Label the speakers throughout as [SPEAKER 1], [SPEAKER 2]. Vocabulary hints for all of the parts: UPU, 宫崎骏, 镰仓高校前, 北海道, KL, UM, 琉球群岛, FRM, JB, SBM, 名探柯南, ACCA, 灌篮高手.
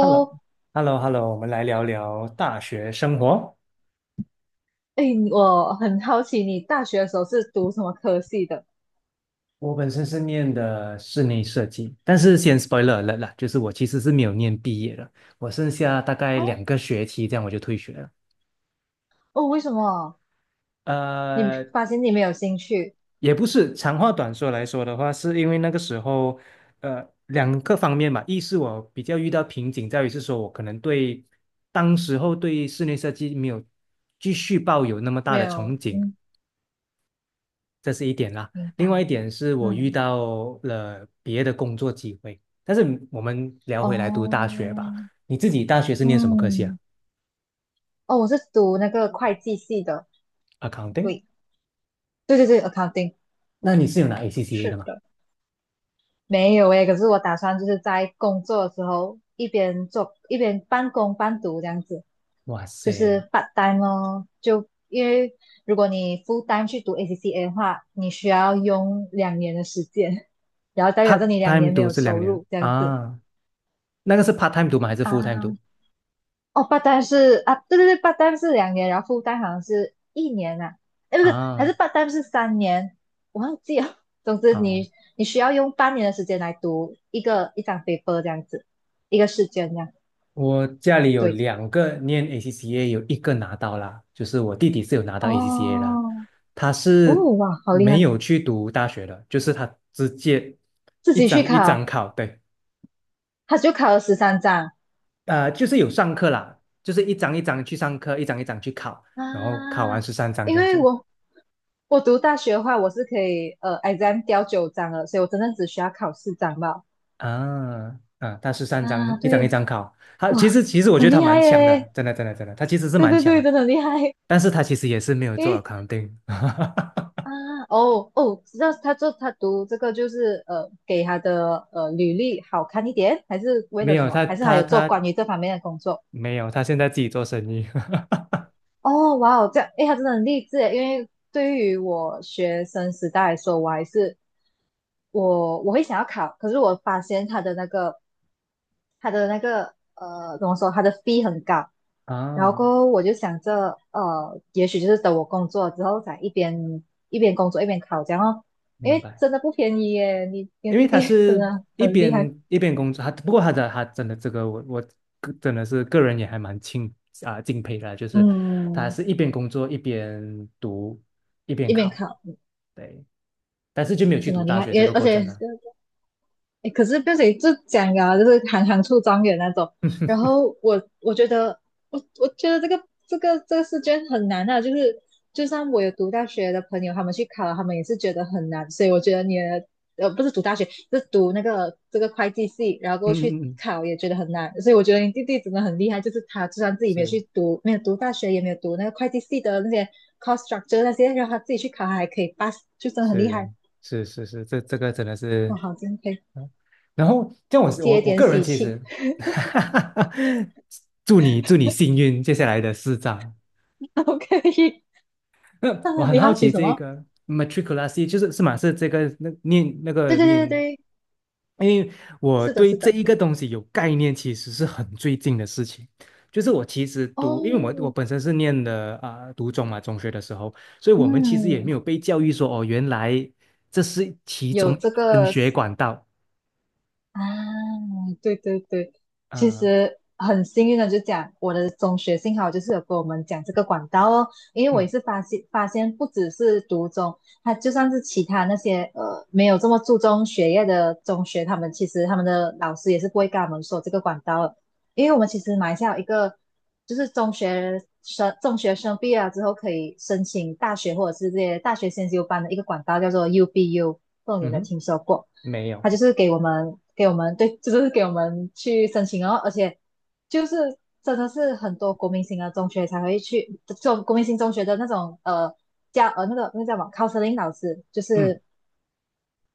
[SPEAKER 1] h e l l o h e l l o h e l l o 我们来聊聊大学生活。
[SPEAKER 2] 哎，我很好奇你大学的时候是读什么科系的？
[SPEAKER 1] 我本身是念的室内设计，但是先 spoiler 了啦，就是我其实是没有念毕业的，我剩下大概
[SPEAKER 2] 哦
[SPEAKER 1] 2个学期，这样我就退学了。
[SPEAKER 2] 哦，为什么？你
[SPEAKER 1] 呃，
[SPEAKER 2] 发现你没有兴趣？
[SPEAKER 1] 也不是，长话短说来说的话，是因为那个时候，2个方面吧，一是我比较遇到瓶颈，在于是说我可能对当时候对室内设计没有继续抱有那么大
[SPEAKER 2] 没
[SPEAKER 1] 的憧
[SPEAKER 2] 有，
[SPEAKER 1] 憬。
[SPEAKER 2] 嗯，
[SPEAKER 1] 这是一点啦。
[SPEAKER 2] 明
[SPEAKER 1] 另外一
[SPEAKER 2] 白，
[SPEAKER 1] 点是我遇
[SPEAKER 2] 嗯，
[SPEAKER 1] 到了别的工作机会，但是我们聊回来读大
[SPEAKER 2] 哦，
[SPEAKER 1] 学吧。你自己大学是念什么科系啊
[SPEAKER 2] 嗯，哦，我是读那个会计系的，
[SPEAKER 1] ？Accounting？
[SPEAKER 2] 对，对对对，accounting，
[SPEAKER 1] 那你是有拿 ACCA
[SPEAKER 2] 是
[SPEAKER 1] 的吗？
[SPEAKER 2] 的，没有诶，可是我打算就是在工作的时候一边做一边半工半读这样子。
[SPEAKER 1] 哇
[SPEAKER 2] 就是
[SPEAKER 1] 塞
[SPEAKER 2] p a 哦，就因为如果你 f u 去读 ACCA 的话，你需要用两年的时间，然后代表着
[SPEAKER 1] ，part
[SPEAKER 2] 你两年
[SPEAKER 1] time
[SPEAKER 2] 没
[SPEAKER 1] 读
[SPEAKER 2] 有
[SPEAKER 1] 是两
[SPEAKER 2] 收
[SPEAKER 1] 年
[SPEAKER 2] 入这样子
[SPEAKER 1] 啊？那个是 part time 读吗？还是 full time
[SPEAKER 2] 啊。
[SPEAKER 1] 读
[SPEAKER 2] 哦 p a 是啊，对对对 p a 是两年，然后 f u 好像是1年啊，哎不是，还
[SPEAKER 1] 啊？
[SPEAKER 2] 是 p a 是3年，我忘记了。总之
[SPEAKER 1] 啊，
[SPEAKER 2] 你需要用半年的时间来读一张 paper 这样子，一个试卷这样。
[SPEAKER 1] 我家里有
[SPEAKER 2] 对，
[SPEAKER 1] 两个念 ACCA，有一个拿到啦，就是我弟弟是有拿到 ACCA 啦，
[SPEAKER 2] 哦
[SPEAKER 1] 他
[SPEAKER 2] 哦
[SPEAKER 1] 是
[SPEAKER 2] 哇，好厉
[SPEAKER 1] 没
[SPEAKER 2] 害，
[SPEAKER 1] 有去读大学的，就是他直接
[SPEAKER 2] 自
[SPEAKER 1] 一
[SPEAKER 2] 己去
[SPEAKER 1] 张一张
[SPEAKER 2] 考，
[SPEAKER 1] 考，对。
[SPEAKER 2] 他就考了13张。
[SPEAKER 1] 就是有上课啦，就是一张一张去上课，一张一张去考，
[SPEAKER 2] 啊，
[SPEAKER 1] 然后考完十三张
[SPEAKER 2] 因
[SPEAKER 1] 这样
[SPEAKER 2] 为
[SPEAKER 1] 子
[SPEAKER 2] 我读大学的话，我是可以exam 掉9张了，所以我真的只需要考4张吧。
[SPEAKER 1] 啊啊。他十三张
[SPEAKER 2] 啊，
[SPEAKER 1] 一张一
[SPEAKER 2] 对，
[SPEAKER 1] 张考，他其
[SPEAKER 2] 哇，
[SPEAKER 1] 实其实我觉
[SPEAKER 2] 很
[SPEAKER 1] 得他
[SPEAKER 2] 厉害
[SPEAKER 1] 蛮强的，
[SPEAKER 2] 耶！
[SPEAKER 1] 真的真的真的，他其实是
[SPEAKER 2] 对
[SPEAKER 1] 蛮
[SPEAKER 2] 对
[SPEAKER 1] 强
[SPEAKER 2] 对，
[SPEAKER 1] 的，
[SPEAKER 2] 真的很厉害。
[SPEAKER 1] 但是他其实也是没有
[SPEAKER 2] 因
[SPEAKER 1] 做
[SPEAKER 2] 为
[SPEAKER 1] accounting。
[SPEAKER 2] 啊，哦哦，知道他读这个就是给他的履历好看一点，还是为
[SPEAKER 1] 没
[SPEAKER 2] 了什
[SPEAKER 1] 有，
[SPEAKER 2] 么？
[SPEAKER 1] 他
[SPEAKER 2] 还是还
[SPEAKER 1] 他
[SPEAKER 2] 有做
[SPEAKER 1] 他
[SPEAKER 2] 关于这方面的工作？
[SPEAKER 1] 没有，他现在自己做生意。
[SPEAKER 2] 哦，哇哦，这样，哎，他真的很励志诶，因为对于我学生时代来说，我还是我会想要考，可是我发现他的那个，怎么说，他的 fee 很高，然后
[SPEAKER 1] 啊，
[SPEAKER 2] 过后我就想着，也许就是等我工作之后，再一边工作一边考这样哦，因
[SPEAKER 1] 明
[SPEAKER 2] 为
[SPEAKER 1] 白。
[SPEAKER 2] 真的不便宜耶，你的
[SPEAKER 1] 因为
[SPEAKER 2] 弟
[SPEAKER 1] 他
[SPEAKER 2] 弟 真
[SPEAKER 1] 是
[SPEAKER 2] 的
[SPEAKER 1] 一
[SPEAKER 2] 很
[SPEAKER 1] 边
[SPEAKER 2] 厉害，
[SPEAKER 1] 一边工作，他不过他的他真的这个我个真的是个人也还蛮敬佩的，就是他
[SPEAKER 2] 嗯，
[SPEAKER 1] 是一边工作一边读一边
[SPEAKER 2] 一边
[SPEAKER 1] 考，
[SPEAKER 2] 考
[SPEAKER 1] 对，但是就没有去
[SPEAKER 2] 真的
[SPEAKER 1] 读
[SPEAKER 2] 很厉
[SPEAKER 1] 大
[SPEAKER 2] 害，
[SPEAKER 1] 学这
[SPEAKER 2] 也
[SPEAKER 1] 个
[SPEAKER 2] 而
[SPEAKER 1] 过
[SPEAKER 2] 且
[SPEAKER 1] 程了。
[SPEAKER 2] 诶可是变成就讲啊，就是行行出状元那种。然后我觉得，我觉得这个试卷很难啊，就是就算我有读大学的朋友，他们去考他们也是觉得很难。所以我觉得你的不是读大学，是读这个会计系，然后
[SPEAKER 1] 嗯
[SPEAKER 2] 过去
[SPEAKER 1] 嗯嗯，嗯，
[SPEAKER 2] 考也觉得很难。所以我觉得你弟弟真的很厉害，就是他就算自己没有
[SPEAKER 1] 是
[SPEAKER 2] 去读，没有读大学，也没有读那个会计系的那些 cost structure 那些，让他自己去考，他还可以 pass，就真的很厉
[SPEAKER 1] 是
[SPEAKER 2] 害。
[SPEAKER 1] 是是是，这个真的
[SPEAKER 2] 哇，
[SPEAKER 1] 是。
[SPEAKER 2] 好敬佩，
[SPEAKER 1] 嗯，然后像我是我
[SPEAKER 2] 接一
[SPEAKER 1] 我
[SPEAKER 2] 点
[SPEAKER 1] 个人
[SPEAKER 2] 喜
[SPEAKER 1] 其
[SPEAKER 2] 气。
[SPEAKER 1] 实，祝你幸运接下来的4张。
[SPEAKER 2] OK，
[SPEAKER 1] 那我很
[SPEAKER 2] 你
[SPEAKER 1] 好
[SPEAKER 2] 好奇
[SPEAKER 1] 奇
[SPEAKER 2] 什
[SPEAKER 1] 这
[SPEAKER 2] 么？
[SPEAKER 1] 个 matriculati 就是马是这个那念那
[SPEAKER 2] 对
[SPEAKER 1] 个
[SPEAKER 2] 对对
[SPEAKER 1] 念，
[SPEAKER 2] 对对，
[SPEAKER 1] 因为我
[SPEAKER 2] 是的，
[SPEAKER 1] 对
[SPEAKER 2] 是
[SPEAKER 1] 这
[SPEAKER 2] 的。
[SPEAKER 1] 一个东西有概念，其实是很最近的事情。就是我其实读，因为我
[SPEAKER 2] 哦，
[SPEAKER 1] 本身是念的啊、读中嘛，中学的时候，所以我们其实也没
[SPEAKER 2] 嗯，
[SPEAKER 1] 有被教育说哦，原来这是其中
[SPEAKER 2] 有
[SPEAKER 1] 一
[SPEAKER 2] 这
[SPEAKER 1] 个升
[SPEAKER 2] 个
[SPEAKER 1] 学管道。
[SPEAKER 2] 啊，对对对，其
[SPEAKER 1] 啊、
[SPEAKER 2] 实很幸运的就讲我的中学幸好就是有跟我们讲这个管道哦，因为我
[SPEAKER 1] 嗯，
[SPEAKER 2] 也是发现不只是读中，他就算是其他那些没有这么注重学业的中学，他们其实他们的老师也是不会跟他们说这个管道的。因为我们其实马来西亚有一个就是中学生毕业了之后可以申请大学或者是这些大学先修班的一个管道叫做 UBU，不懂你有
[SPEAKER 1] 嗯
[SPEAKER 2] 没有
[SPEAKER 1] 哼。
[SPEAKER 2] 听说过？
[SPEAKER 1] 没有，
[SPEAKER 2] 他就是给我们对，就是给我们去申请哦，而且就是真的是很多国民型的中学才会去，这种国民型中学的那种教那个叫什么 counseling 老师，就
[SPEAKER 1] 嗯，
[SPEAKER 2] 是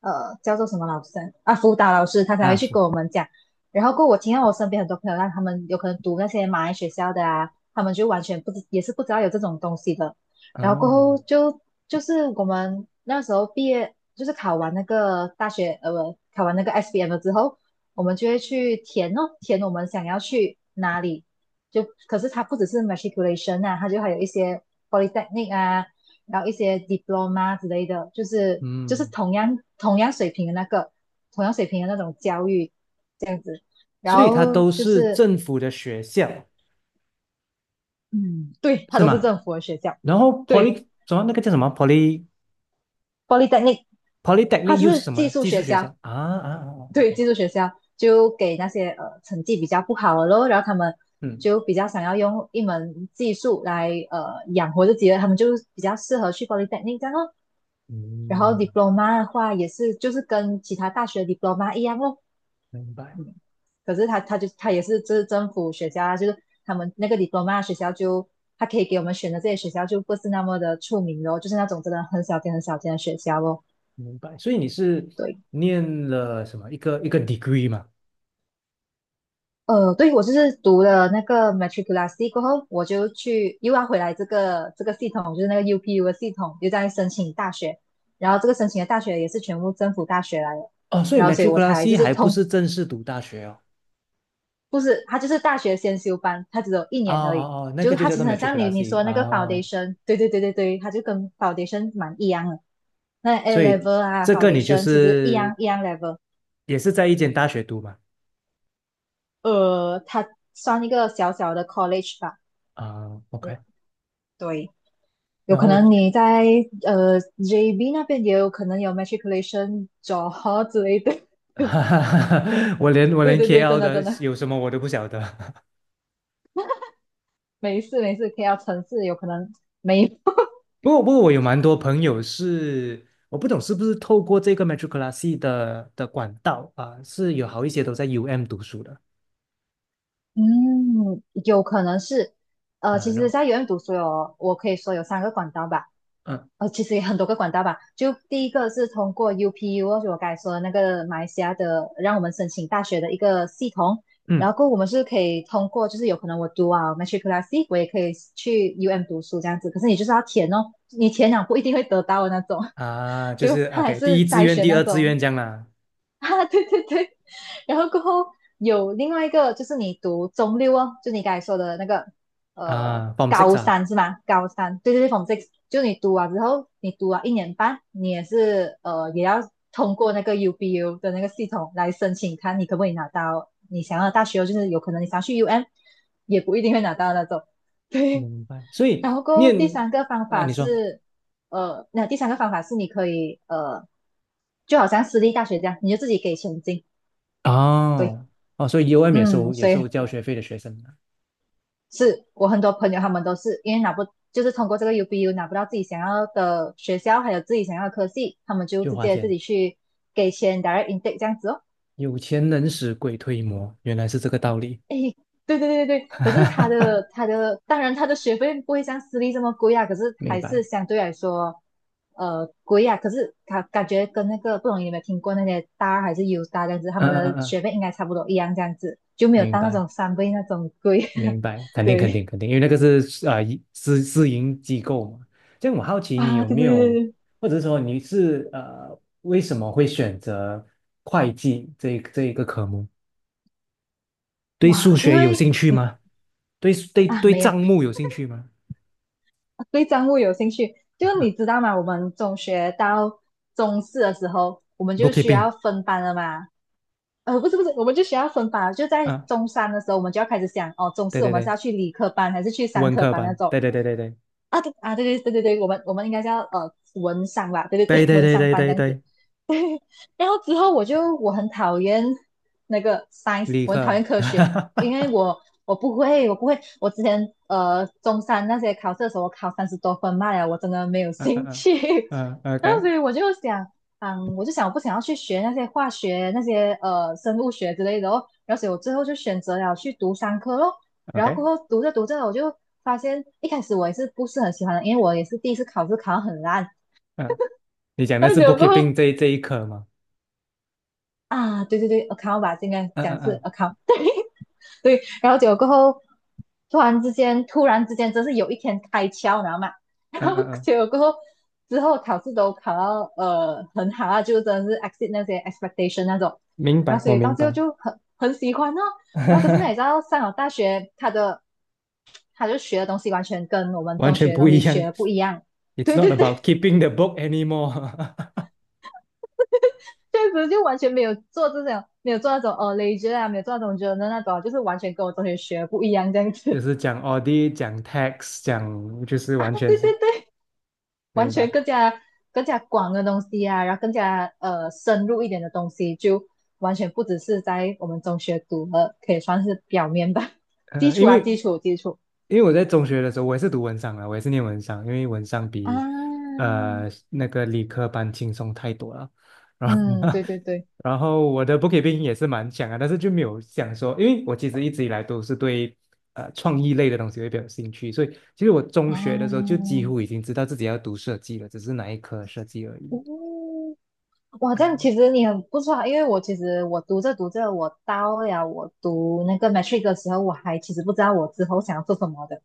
[SPEAKER 2] 叫做什么老师啊，辅导老师，他才会
[SPEAKER 1] 啊，
[SPEAKER 2] 去跟我们讲。然后过后我听到我身边很多朋友，让他们有可能读那些马来学校的啊，他们就完全不知也是不知道有这种东西的。然后过
[SPEAKER 1] 嗯
[SPEAKER 2] 后就是我们那时候毕业，就是考完那个大学不考完那个 SBM 了之后，我们就会去填哦，填我们想要去哪里。就可是它不只是 matriculation 啊，它就还有一些 polytechnic 啊，然后一些 diploma 之类的，就是
[SPEAKER 1] 嗯，
[SPEAKER 2] 同样水平的那个同样水平的那种教育，然
[SPEAKER 1] 所以它
[SPEAKER 2] 后
[SPEAKER 1] 都
[SPEAKER 2] 就
[SPEAKER 1] 是
[SPEAKER 2] 是
[SPEAKER 1] 政府的学校，
[SPEAKER 2] 嗯，对，它
[SPEAKER 1] 是
[SPEAKER 2] 都是
[SPEAKER 1] 吗？
[SPEAKER 2] 政府的学校，
[SPEAKER 1] 然后
[SPEAKER 2] 对
[SPEAKER 1] poly 什么那个叫什么 poly
[SPEAKER 2] ，polytechnic
[SPEAKER 1] polytechnic
[SPEAKER 2] 它
[SPEAKER 1] 又是
[SPEAKER 2] 是
[SPEAKER 1] 什么
[SPEAKER 2] 技
[SPEAKER 1] 呢？
[SPEAKER 2] 术
[SPEAKER 1] 技术
[SPEAKER 2] 学
[SPEAKER 1] 学校
[SPEAKER 2] 校，
[SPEAKER 1] 啊啊啊啊
[SPEAKER 2] 对，
[SPEAKER 1] ，OK，
[SPEAKER 2] 技术学校就给那些成绩比较不好的咯，然后他们
[SPEAKER 1] 嗯，
[SPEAKER 2] 就比较想要用一门技术来养活自己的，他们就比较适合去 polytechnic 这样咯。然后
[SPEAKER 1] 嗯，
[SPEAKER 2] diploma 的话也是，就是跟其他大学 diploma 一样哦，
[SPEAKER 1] 明白
[SPEAKER 2] 可是他也是就是政府学校啊，就是他们那个 diploma 学校就他可以给我们选的这些学校就不是那么的出名咯，就是那种真的很小间很小间的学校咯。
[SPEAKER 1] 明白。所以你是
[SPEAKER 2] 对，
[SPEAKER 1] 念了什么一个一个 degree 嘛？
[SPEAKER 2] 对我就是读了那个 matriculasi 过后，我就去又要回来这个系统，就是那个 UPU 的系统，又在申请大学，然后这个申请的大学也是全部政府大学来的，
[SPEAKER 1] 哦，所以
[SPEAKER 2] 然后所以我才就
[SPEAKER 1] matriculasi
[SPEAKER 2] 是
[SPEAKER 1] 还不
[SPEAKER 2] 通
[SPEAKER 1] 是正式读大学哦。
[SPEAKER 2] 不是，他就是大学先修班，他只有一
[SPEAKER 1] 哦
[SPEAKER 2] 年而已。
[SPEAKER 1] 哦哦，那
[SPEAKER 2] 就
[SPEAKER 1] 个
[SPEAKER 2] 是
[SPEAKER 1] 就
[SPEAKER 2] 他
[SPEAKER 1] 叫
[SPEAKER 2] 其
[SPEAKER 1] 做
[SPEAKER 2] 实很像你说
[SPEAKER 1] matriculasi
[SPEAKER 2] 的
[SPEAKER 1] 啊。
[SPEAKER 2] 那个
[SPEAKER 1] 哦，
[SPEAKER 2] foundation，对对对对对，他就跟 foundation 蛮一样的。那
[SPEAKER 1] 所
[SPEAKER 2] A
[SPEAKER 1] 以
[SPEAKER 2] level 啊
[SPEAKER 1] 这个你就
[SPEAKER 2] ，foundation 其实一
[SPEAKER 1] 是
[SPEAKER 2] 样一样 level，
[SPEAKER 1] 也是在一间大学读嘛？
[SPEAKER 2] 他算一个小小的 college 吧。
[SPEAKER 1] 啊，OK，
[SPEAKER 2] 对，有
[SPEAKER 1] 然
[SPEAKER 2] 可
[SPEAKER 1] 后
[SPEAKER 2] 能你在JB 那边也有可能有 matriculation 招之类的。
[SPEAKER 1] 哈哈哈，我连我
[SPEAKER 2] 对
[SPEAKER 1] 连
[SPEAKER 2] 对对，真
[SPEAKER 1] KL
[SPEAKER 2] 的
[SPEAKER 1] 的
[SPEAKER 2] 真的，
[SPEAKER 1] 有什么我都不晓得。
[SPEAKER 2] 没事没事，KL 城市有可能没
[SPEAKER 1] 不过我有蛮多朋友是，我不懂是不是透过这个 metroclassy 的管道啊、是有好一些都在 UM 读书的。
[SPEAKER 2] 嗯，有可能是，
[SPEAKER 1] 啊，
[SPEAKER 2] 其实，
[SPEAKER 1] 那
[SPEAKER 2] 在 u 院读书有，我可以说有3个管道吧，
[SPEAKER 1] 嗯
[SPEAKER 2] 其实也很多个管道吧。就第一个是通过 UPU，就我刚才说的那个马来西亚的，让我们申请大学的一个系统，然
[SPEAKER 1] 嗯
[SPEAKER 2] 后过后我们是可以通过，就是有可能我读啊 matriculasi，我也可以去 UM 读书这样子，可是你就是要填哦，你填了不一定会得到的那种，
[SPEAKER 1] 啊，就
[SPEAKER 2] 就
[SPEAKER 1] 是
[SPEAKER 2] 它还
[SPEAKER 1] OK，第
[SPEAKER 2] 是
[SPEAKER 1] 一志
[SPEAKER 2] 筛
[SPEAKER 1] 愿、
[SPEAKER 2] 选
[SPEAKER 1] 第
[SPEAKER 2] 那
[SPEAKER 1] 二志
[SPEAKER 2] 种。
[SPEAKER 1] 愿这样啦。
[SPEAKER 2] 啊，对对对，然后过后有另外一个就是你读中六哦，就你刚才说的那个
[SPEAKER 1] 啊，Form Six
[SPEAKER 2] 高
[SPEAKER 1] 啊，
[SPEAKER 2] 三是吗？高三，对对对 f r m six，就你读完之后，你读完一年半，你也是也要通过那个 UBU 的那个系统来申请，看你可不可以拿到你想要的大学哦，就是有可能你想要去 UM，也不一定会拿到那种，对，
[SPEAKER 1] 明白。所以
[SPEAKER 2] 然后过后
[SPEAKER 1] 念
[SPEAKER 2] 第三个方
[SPEAKER 1] 啊，
[SPEAKER 2] 法
[SPEAKER 1] 你说
[SPEAKER 2] 是，那第三个方法是你可以就好像私立大学这样，你就自己给钱进。对，
[SPEAKER 1] 哦哦，所以 UM 也
[SPEAKER 2] 嗯，
[SPEAKER 1] 收也
[SPEAKER 2] 所
[SPEAKER 1] 收
[SPEAKER 2] 以
[SPEAKER 1] 交学费的学生啊，
[SPEAKER 2] 是我很多朋友他们都是因为拿不，就是通过这个 UBU 拿不到自己想要的学校，还有自己想要的科系，他们就
[SPEAKER 1] 就
[SPEAKER 2] 直
[SPEAKER 1] 花
[SPEAKER 2] 接自
[SPEAKER 1] 钱。
[SPEAKER 2] 己去给钱 direct intake 这样子哦。
[SPEAKER 1] 有钱能使鬼推磨，原来是这个道理。
[SPEAKER 2] 对对对对 对，
[SPEAKER 1] 哈
[SPEAKER 2] 可
[SPEAKER 1] 哈
[SPEAKER 2] 是他
[SPEAKER 1] 哈哈，
[SPEAKER 2] 的他的，当然他的学费不会像私立这么贵啊，可是
[SPEAKER 1] 明
[SPEAKER 2] 还是
[SPEAKER 1] 白。
[SPEAKER 2] 相对来说，贵啊。可是感觉跟那个不懂你有没有听过那些大二还是 U 大这样子，他
[SPEAKER 1] 嗯
[SPEAKER 2] 们的
[SPEAKER 1] 嗯嗯，
[SPEAKER 2] 学费应该差不多一样这样子，就没有
[SPEAKER 1] 明
[SPEAKER 2] 到那
[SPEAKER 1] 白
[SPEAKER 2] 种三倍那种贵。
[SPEAKER 1] 明 白，肯定肯定
[SPEAKER 2] 对
[SPEAKER 1] 肯定，因为那个是啊、私营机构嘛。这样我好奇你
[SPEAKER 2] 啊，
[SPEAKER 1] 有
[SPEAKER 2] 对
[SPEAKER 1] 没
[SPEAKER 2] 对对
[SPEAKER 1] 有，
[SPEAKER 2] 对，对
[SPEAKER 1] 或者说你是为什么会选择会计这一个科目？对数
[SPEAKER 2] 哇，因
[SPEAKER 1] 学有
[SPEAKER 2] 为
[SPEAKER 1] 兴趣
[SPEAKER 2] 你
[SPEAKER 1] 吗？对对
[SPEAKER 2] 啊
[SPEAKER 1] 对，
[SPEAKER 2] 没有，
[SPEAKER 1] 账目有兴趣吗
[SPEAKER 2] 对账户有兴趣，就你知道吗？我们中学到中四的时候，我们就需
[SPEAKER 1] ？Bookkeeping
[SPEAKER 2] 要分班了嘛。不是，我们就需要分班了就在
[SPEAKER 1] 啊，
[SPEAKER 2] 中三的时候，我们就要开始想哦，中
[SPEAKER 1] 对
[SPEAKER 2] 四我
[SPEAKER 1] 对
[SPEAKER 2] 们是
[SPEAKER 1] 对，
[SPEAKER 2] 要去理科班还是去商
[SPEAKER 1] 文
[SPEAKER 2] 科
[SPEAKER 1] 科
[SPEAKER 2] 班那
[SPEAKER 1] 班，
[SPEAKER 2] 种
[SPEAKER 1] 对对对对对
[SPEAKER 2] 啊？对啊，对对对对对，我们应该是要文商吧，对对
[SPEAKER 1] 对
[SPEAKER 2] 对，
[SPEAKER 1] 对
[SPEAKER 2] 文
[SPEAKER 1] 对
[SPEAKER 2] 商
[SPEAKER 1] 对
[SPEAKER 2] 班这
[SPEAKER 1] 对
[SPEAKER 2] 样子。
[SPEAKER 1] 对，
[SPEAKER 2] 然后之后我很讨厌那个 science,
[SPEAKER 1] 理
[SPEAKER 2] 我很讨厌
[SPEAKER 1] 科。
[SPEAKER 2] 科学，因 为我不会，我之前中山那些考试的时候，我考三十多分嘛呀，我真的没有
[SPEAKER 1] 嗯
[SPEAKER 2] 兴
[SPEAKER 1] 嗯
[SPEAKER 2] 趣。
[SPEAKER 1] 嗯嗯
[SPEAKER 2] 然后
[SPEAKER 1] ，OK
[SPEAKER 2] 所以我就想，嗯，我就想我不想要去学那些化学、那些生物学之类的哦。然后所以我最后就选择了去读商科咯。然后
[SPEAKER 1] OK，
[SPEAKER 2] 过后读着读着，我就发现一开始我也是不是很喜欢的，因为我也是第一次考试考得很烂。
[SPEAKER 1] 嗯，你讲的
[SPEAKER 2] 然后
[SPEAKER 1] 是
[SPEAKER 2] 结
[SPEAKER 1] bookkeeping
[SPEAKER 2] 果
[SPEAKER 1] 这一科吗？
[SPEAKER 2] 啊，对对对，account 吧，应该
[SPEAKER 1] 嗯
[SPEAKER 2] 讲
[SPEAKER 1] 嗯
[SPEAKER 2] 是
[SPEAKER 1] 嗯
[SPEAKER 2] account。对，然后结果过后，突然之间，突然之间，真是有一天开窍，你知道吗？然
[SPEAKER 1] 嗯
[SPEAKER 2] 后
[SPEAKER 1] 嗯嗯，
[SPEAKER 2] 结果过后，之后考试都考到很好啊，就真的是 exceed 那些 expectation 那种。
[SPEAKER 1] 明
[SPEAKER 2] 然
[SPEAKER 1] 白，
[SPEAKER 2] 后所
[SPEAKER 1] 我
[SPEAKER 2] 以到
[SPEAKER 1] 明
[SPEAKER 2] 最后
[SPEAKER 1] 白，
[SPEAKER 2] 就很喜欢哦。然后可是你知 道，上了大学，他就学的东西完全跟我们
[SPEAKER 1] 完
[SPEAKER 2] 中
[SPEAKER 1] 全
[SPEAKER 2] 学的
[SPEAKER 1] 不
[SPEAKER 2] 东
[SPEAKER 1] 一
[SPEAKER 2] 西
[SPEAKER 1] 样。
[SPEAKER 2] 学的不一样。
[SPEAKER 1] It's
[SPEAKER 2] 对
[SPEAKER 1] not
[SPEAKER 2] 对
[SPEAKER 1] about
[SPEAKER 2] 对，
[SPEAKER 1] keeping the book anymore，
[SPEAKER 2] 确实就完全没有做这种，没有做那种ledger 啊，没有做那种 j o 那种啊就是完全跟我中学学不一样这样
[SPEAKER 1] 就
[SPEAKER 2] 子
[SPEAKER 1] 是讲 audit，讲 tax，讲就是
[SPEAKER 2] 啊。
[SPEAKER 1] 完全
[SPEAKER 2] 对
[SPEAKER 1] 是。
[SPEAKER 2] 对对，完
[SPEAKER 1] 明
[SPEAKER 2] 全
[SPEAKER 1] 白。
[SPEAKER 2] 更加广的东西啊，然后更加深入一点的东西，就完全不只是在我们中学读的，可以算是表面吧，基
[SPEAKER 1] 呃，
[SPEAKER 2] 础
[SPEAKER 1] 因
[SPEAKER 2] 啊，基
[SPEAKER 1] 为
[SPEAKER 2] 础基础
[SPEAKER 1] 因为我在中学的时候，我也是读文商的，我也是念文商，因为文商
[SPEAKER 2] 啊，
[SPEAKER 1] 比那个理科班轻松太多了。
[SPEAKER 2] 嗯，对对对
[SPEAKER 1] 然后我的 bookkeeping 也是蛮强啊，但是就没有想说，因为我其实一直以来都是对创意类的东西会比较有兴趣，所以其实我中
[SPEAKER 2] 啊，
[SPEAKER 1] 学的时候就几乎已经知道自己要读设计了，只是哪一科设计而已。
[SPEAKER 2] 嗯。哇，这样
[SPEAKER 1] 呃，
[SPEAKER 2] 其实你很不错啊，因为我其实读着读着，我到了读那个 matric 的时候，我还其实不知道我之后想要做什么的，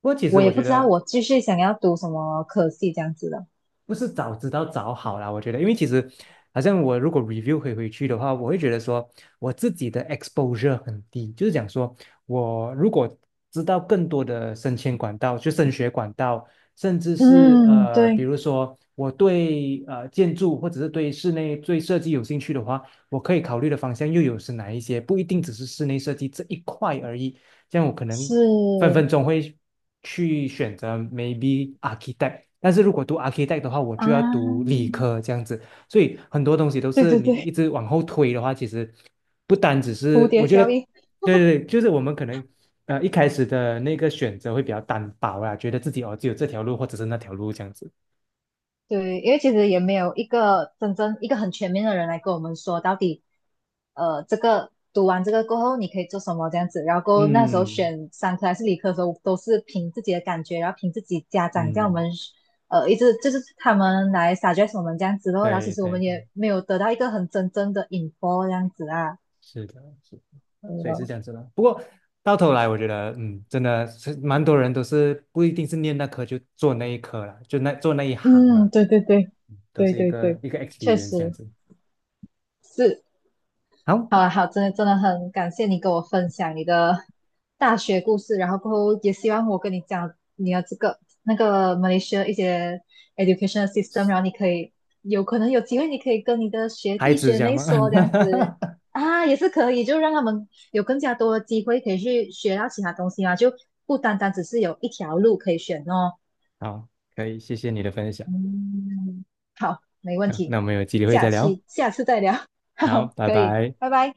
[SPEAKER 1] 不过其实
[SPEAKER 2] 我也
[SPEAKER 1] 我
[SPEAKER 2] 不
[SPEAKER 1] 觉
[SPEAKER 2] 知道
[SPEAKER 1] 得
[SPEAKER 2] 我继续想要读什么科系这样子的。
[SPEAKER 1] 不是早知道早好啦，我觉得，因为其实好像我如果 review 回去的话，我会觉得说我自己的 exposure 很低，就是讲说我如果知道更多的升迁管道，就升学管道，甚至是
[SPEAKER 2] 嗯，
[SPEAKER 1] 比
[SPEAKER 2] 对，
[SPEAKER 1] 如说我对建筑或者是对室内对设计有兴趣的话，我可以考虑的方向又有是哪一些？不一定只是室内设计这一块而已。这样我可能
[SPEAKER 2] 是
[SPEAKER 1] 分分钟会去选择 maybe architect，但是如果读 architect 的话，我
[SPEAKER 2] 啊，
[SPEAKER 1] 就要读理科这样子，所以很多东西都
[SPEAKER 2] 对
[SPEAKER 1] 是
[SPEAKER 2] 对
[SPEAKER 1] 你
[SPEAKER 2] 对，
[SPEAKER 1] 一直往后推的话，其实不单只
[SPEAKER 2] 蝴
[SPEAKER 1] 是我
[SPEAKER 2] 蝶
[SPEAKER 1] 觉得，
[SPEAKER 2] 效应。
[SPEAKER 1] 对对对，就是我们可能一开始的那个选择会比较单薄啦，觉得自己哦只有这条路或者是那条路这样子，
[SPEAKER 2] 对，因为其实也没有一个真正一个很全面的人来跟我们说到底，这个读完这个过后你可以做什么这样子。然后过后那时候
[SPEAKER 1] 嗯
[SPEAKER 2] 选商科还是理科的时候，都是凭自己的感觉，然后凭自己家长叫我
[SPEAKER 1] 嗯，
[SPEAKER 2] 们，一直就是他们来 suggest 我们这样子咯。然后其
[SPEAKER 1] 对
[SPEAKER 2] 实我
[SPEAKER 1] 对
[SPEAKER 2] 们
[SPEAKER 1] 对。
[SPEAKER 2] 也没有得到一个很真正的 info 这样子啊。
[SPEAKER 1] 是的，是的，啊，所以是
[SPEAKER 2] 嗯，
[SPEAKER 1] 这样子的。不过到头来，我觉得，嗯，真的是蛮多人都是不一定是念那科就做那一科了，就那做那一行了，
[SPEAKER 2] 嗯对对对，
[SPEAKER 1] 嗯都
[SPEAKER 2] 对
[SPEAKER 1] 是一
[SPEAKER 2] 对
[SPEAKER 1] 个
[SPEAKER 2] 对，
[SPEAKER 1] 一个
[SPEAKER 2] 确
[SPEAKER 1] experience 这样
[SPEAKER 2] 实
[SPEAKER 1] 子。
[SPEAKER 2] 是。
[SPEAKER 1] 好，
[SPEAKER 2] 好啊，好，真的真的很感谢你跟我分享你的大学故事，然后过后也希望我跟你讲你的这个那个 Malaysia 一些 education system,然后你可以有可能有机会，你可以跟你的学
[SPEAKER 1] 孩
[SPEAKER 2] 弟
[SPEAKER 1] 子
[SPEAKER 2] 学
[SPEAKER 1] 讲
[SPEAKER 2] 妹
[SPEAKER 1] 吗？
[SPEAKER 2] 说这样子啊，也是可以，就让他们有更加多的机会可以去学到其他东西嘛，就不单单只是有一条路可以选哦。
[SPEAKER 1] 好，可以，谢谢你的分享。
[SPEAKER 2] 嗯，好，没问
[SPEAKER 1] 啊。
[SPEAKER 2] 题，
[SPEAKER 1] 那我们有机会
[SPEAKER 2] 下
[SPEAKER 1] 再聊哦。
[SPEAKER 2] 期下次再聊，
[SPEAKER 1] 好，
[SPEAKER 2] 好，
[SPEAKER 1] 拜
[SPEAKER 2] 可以，
[SPEAKER 1] 拜。
[SPEAKER 2] 拜拜。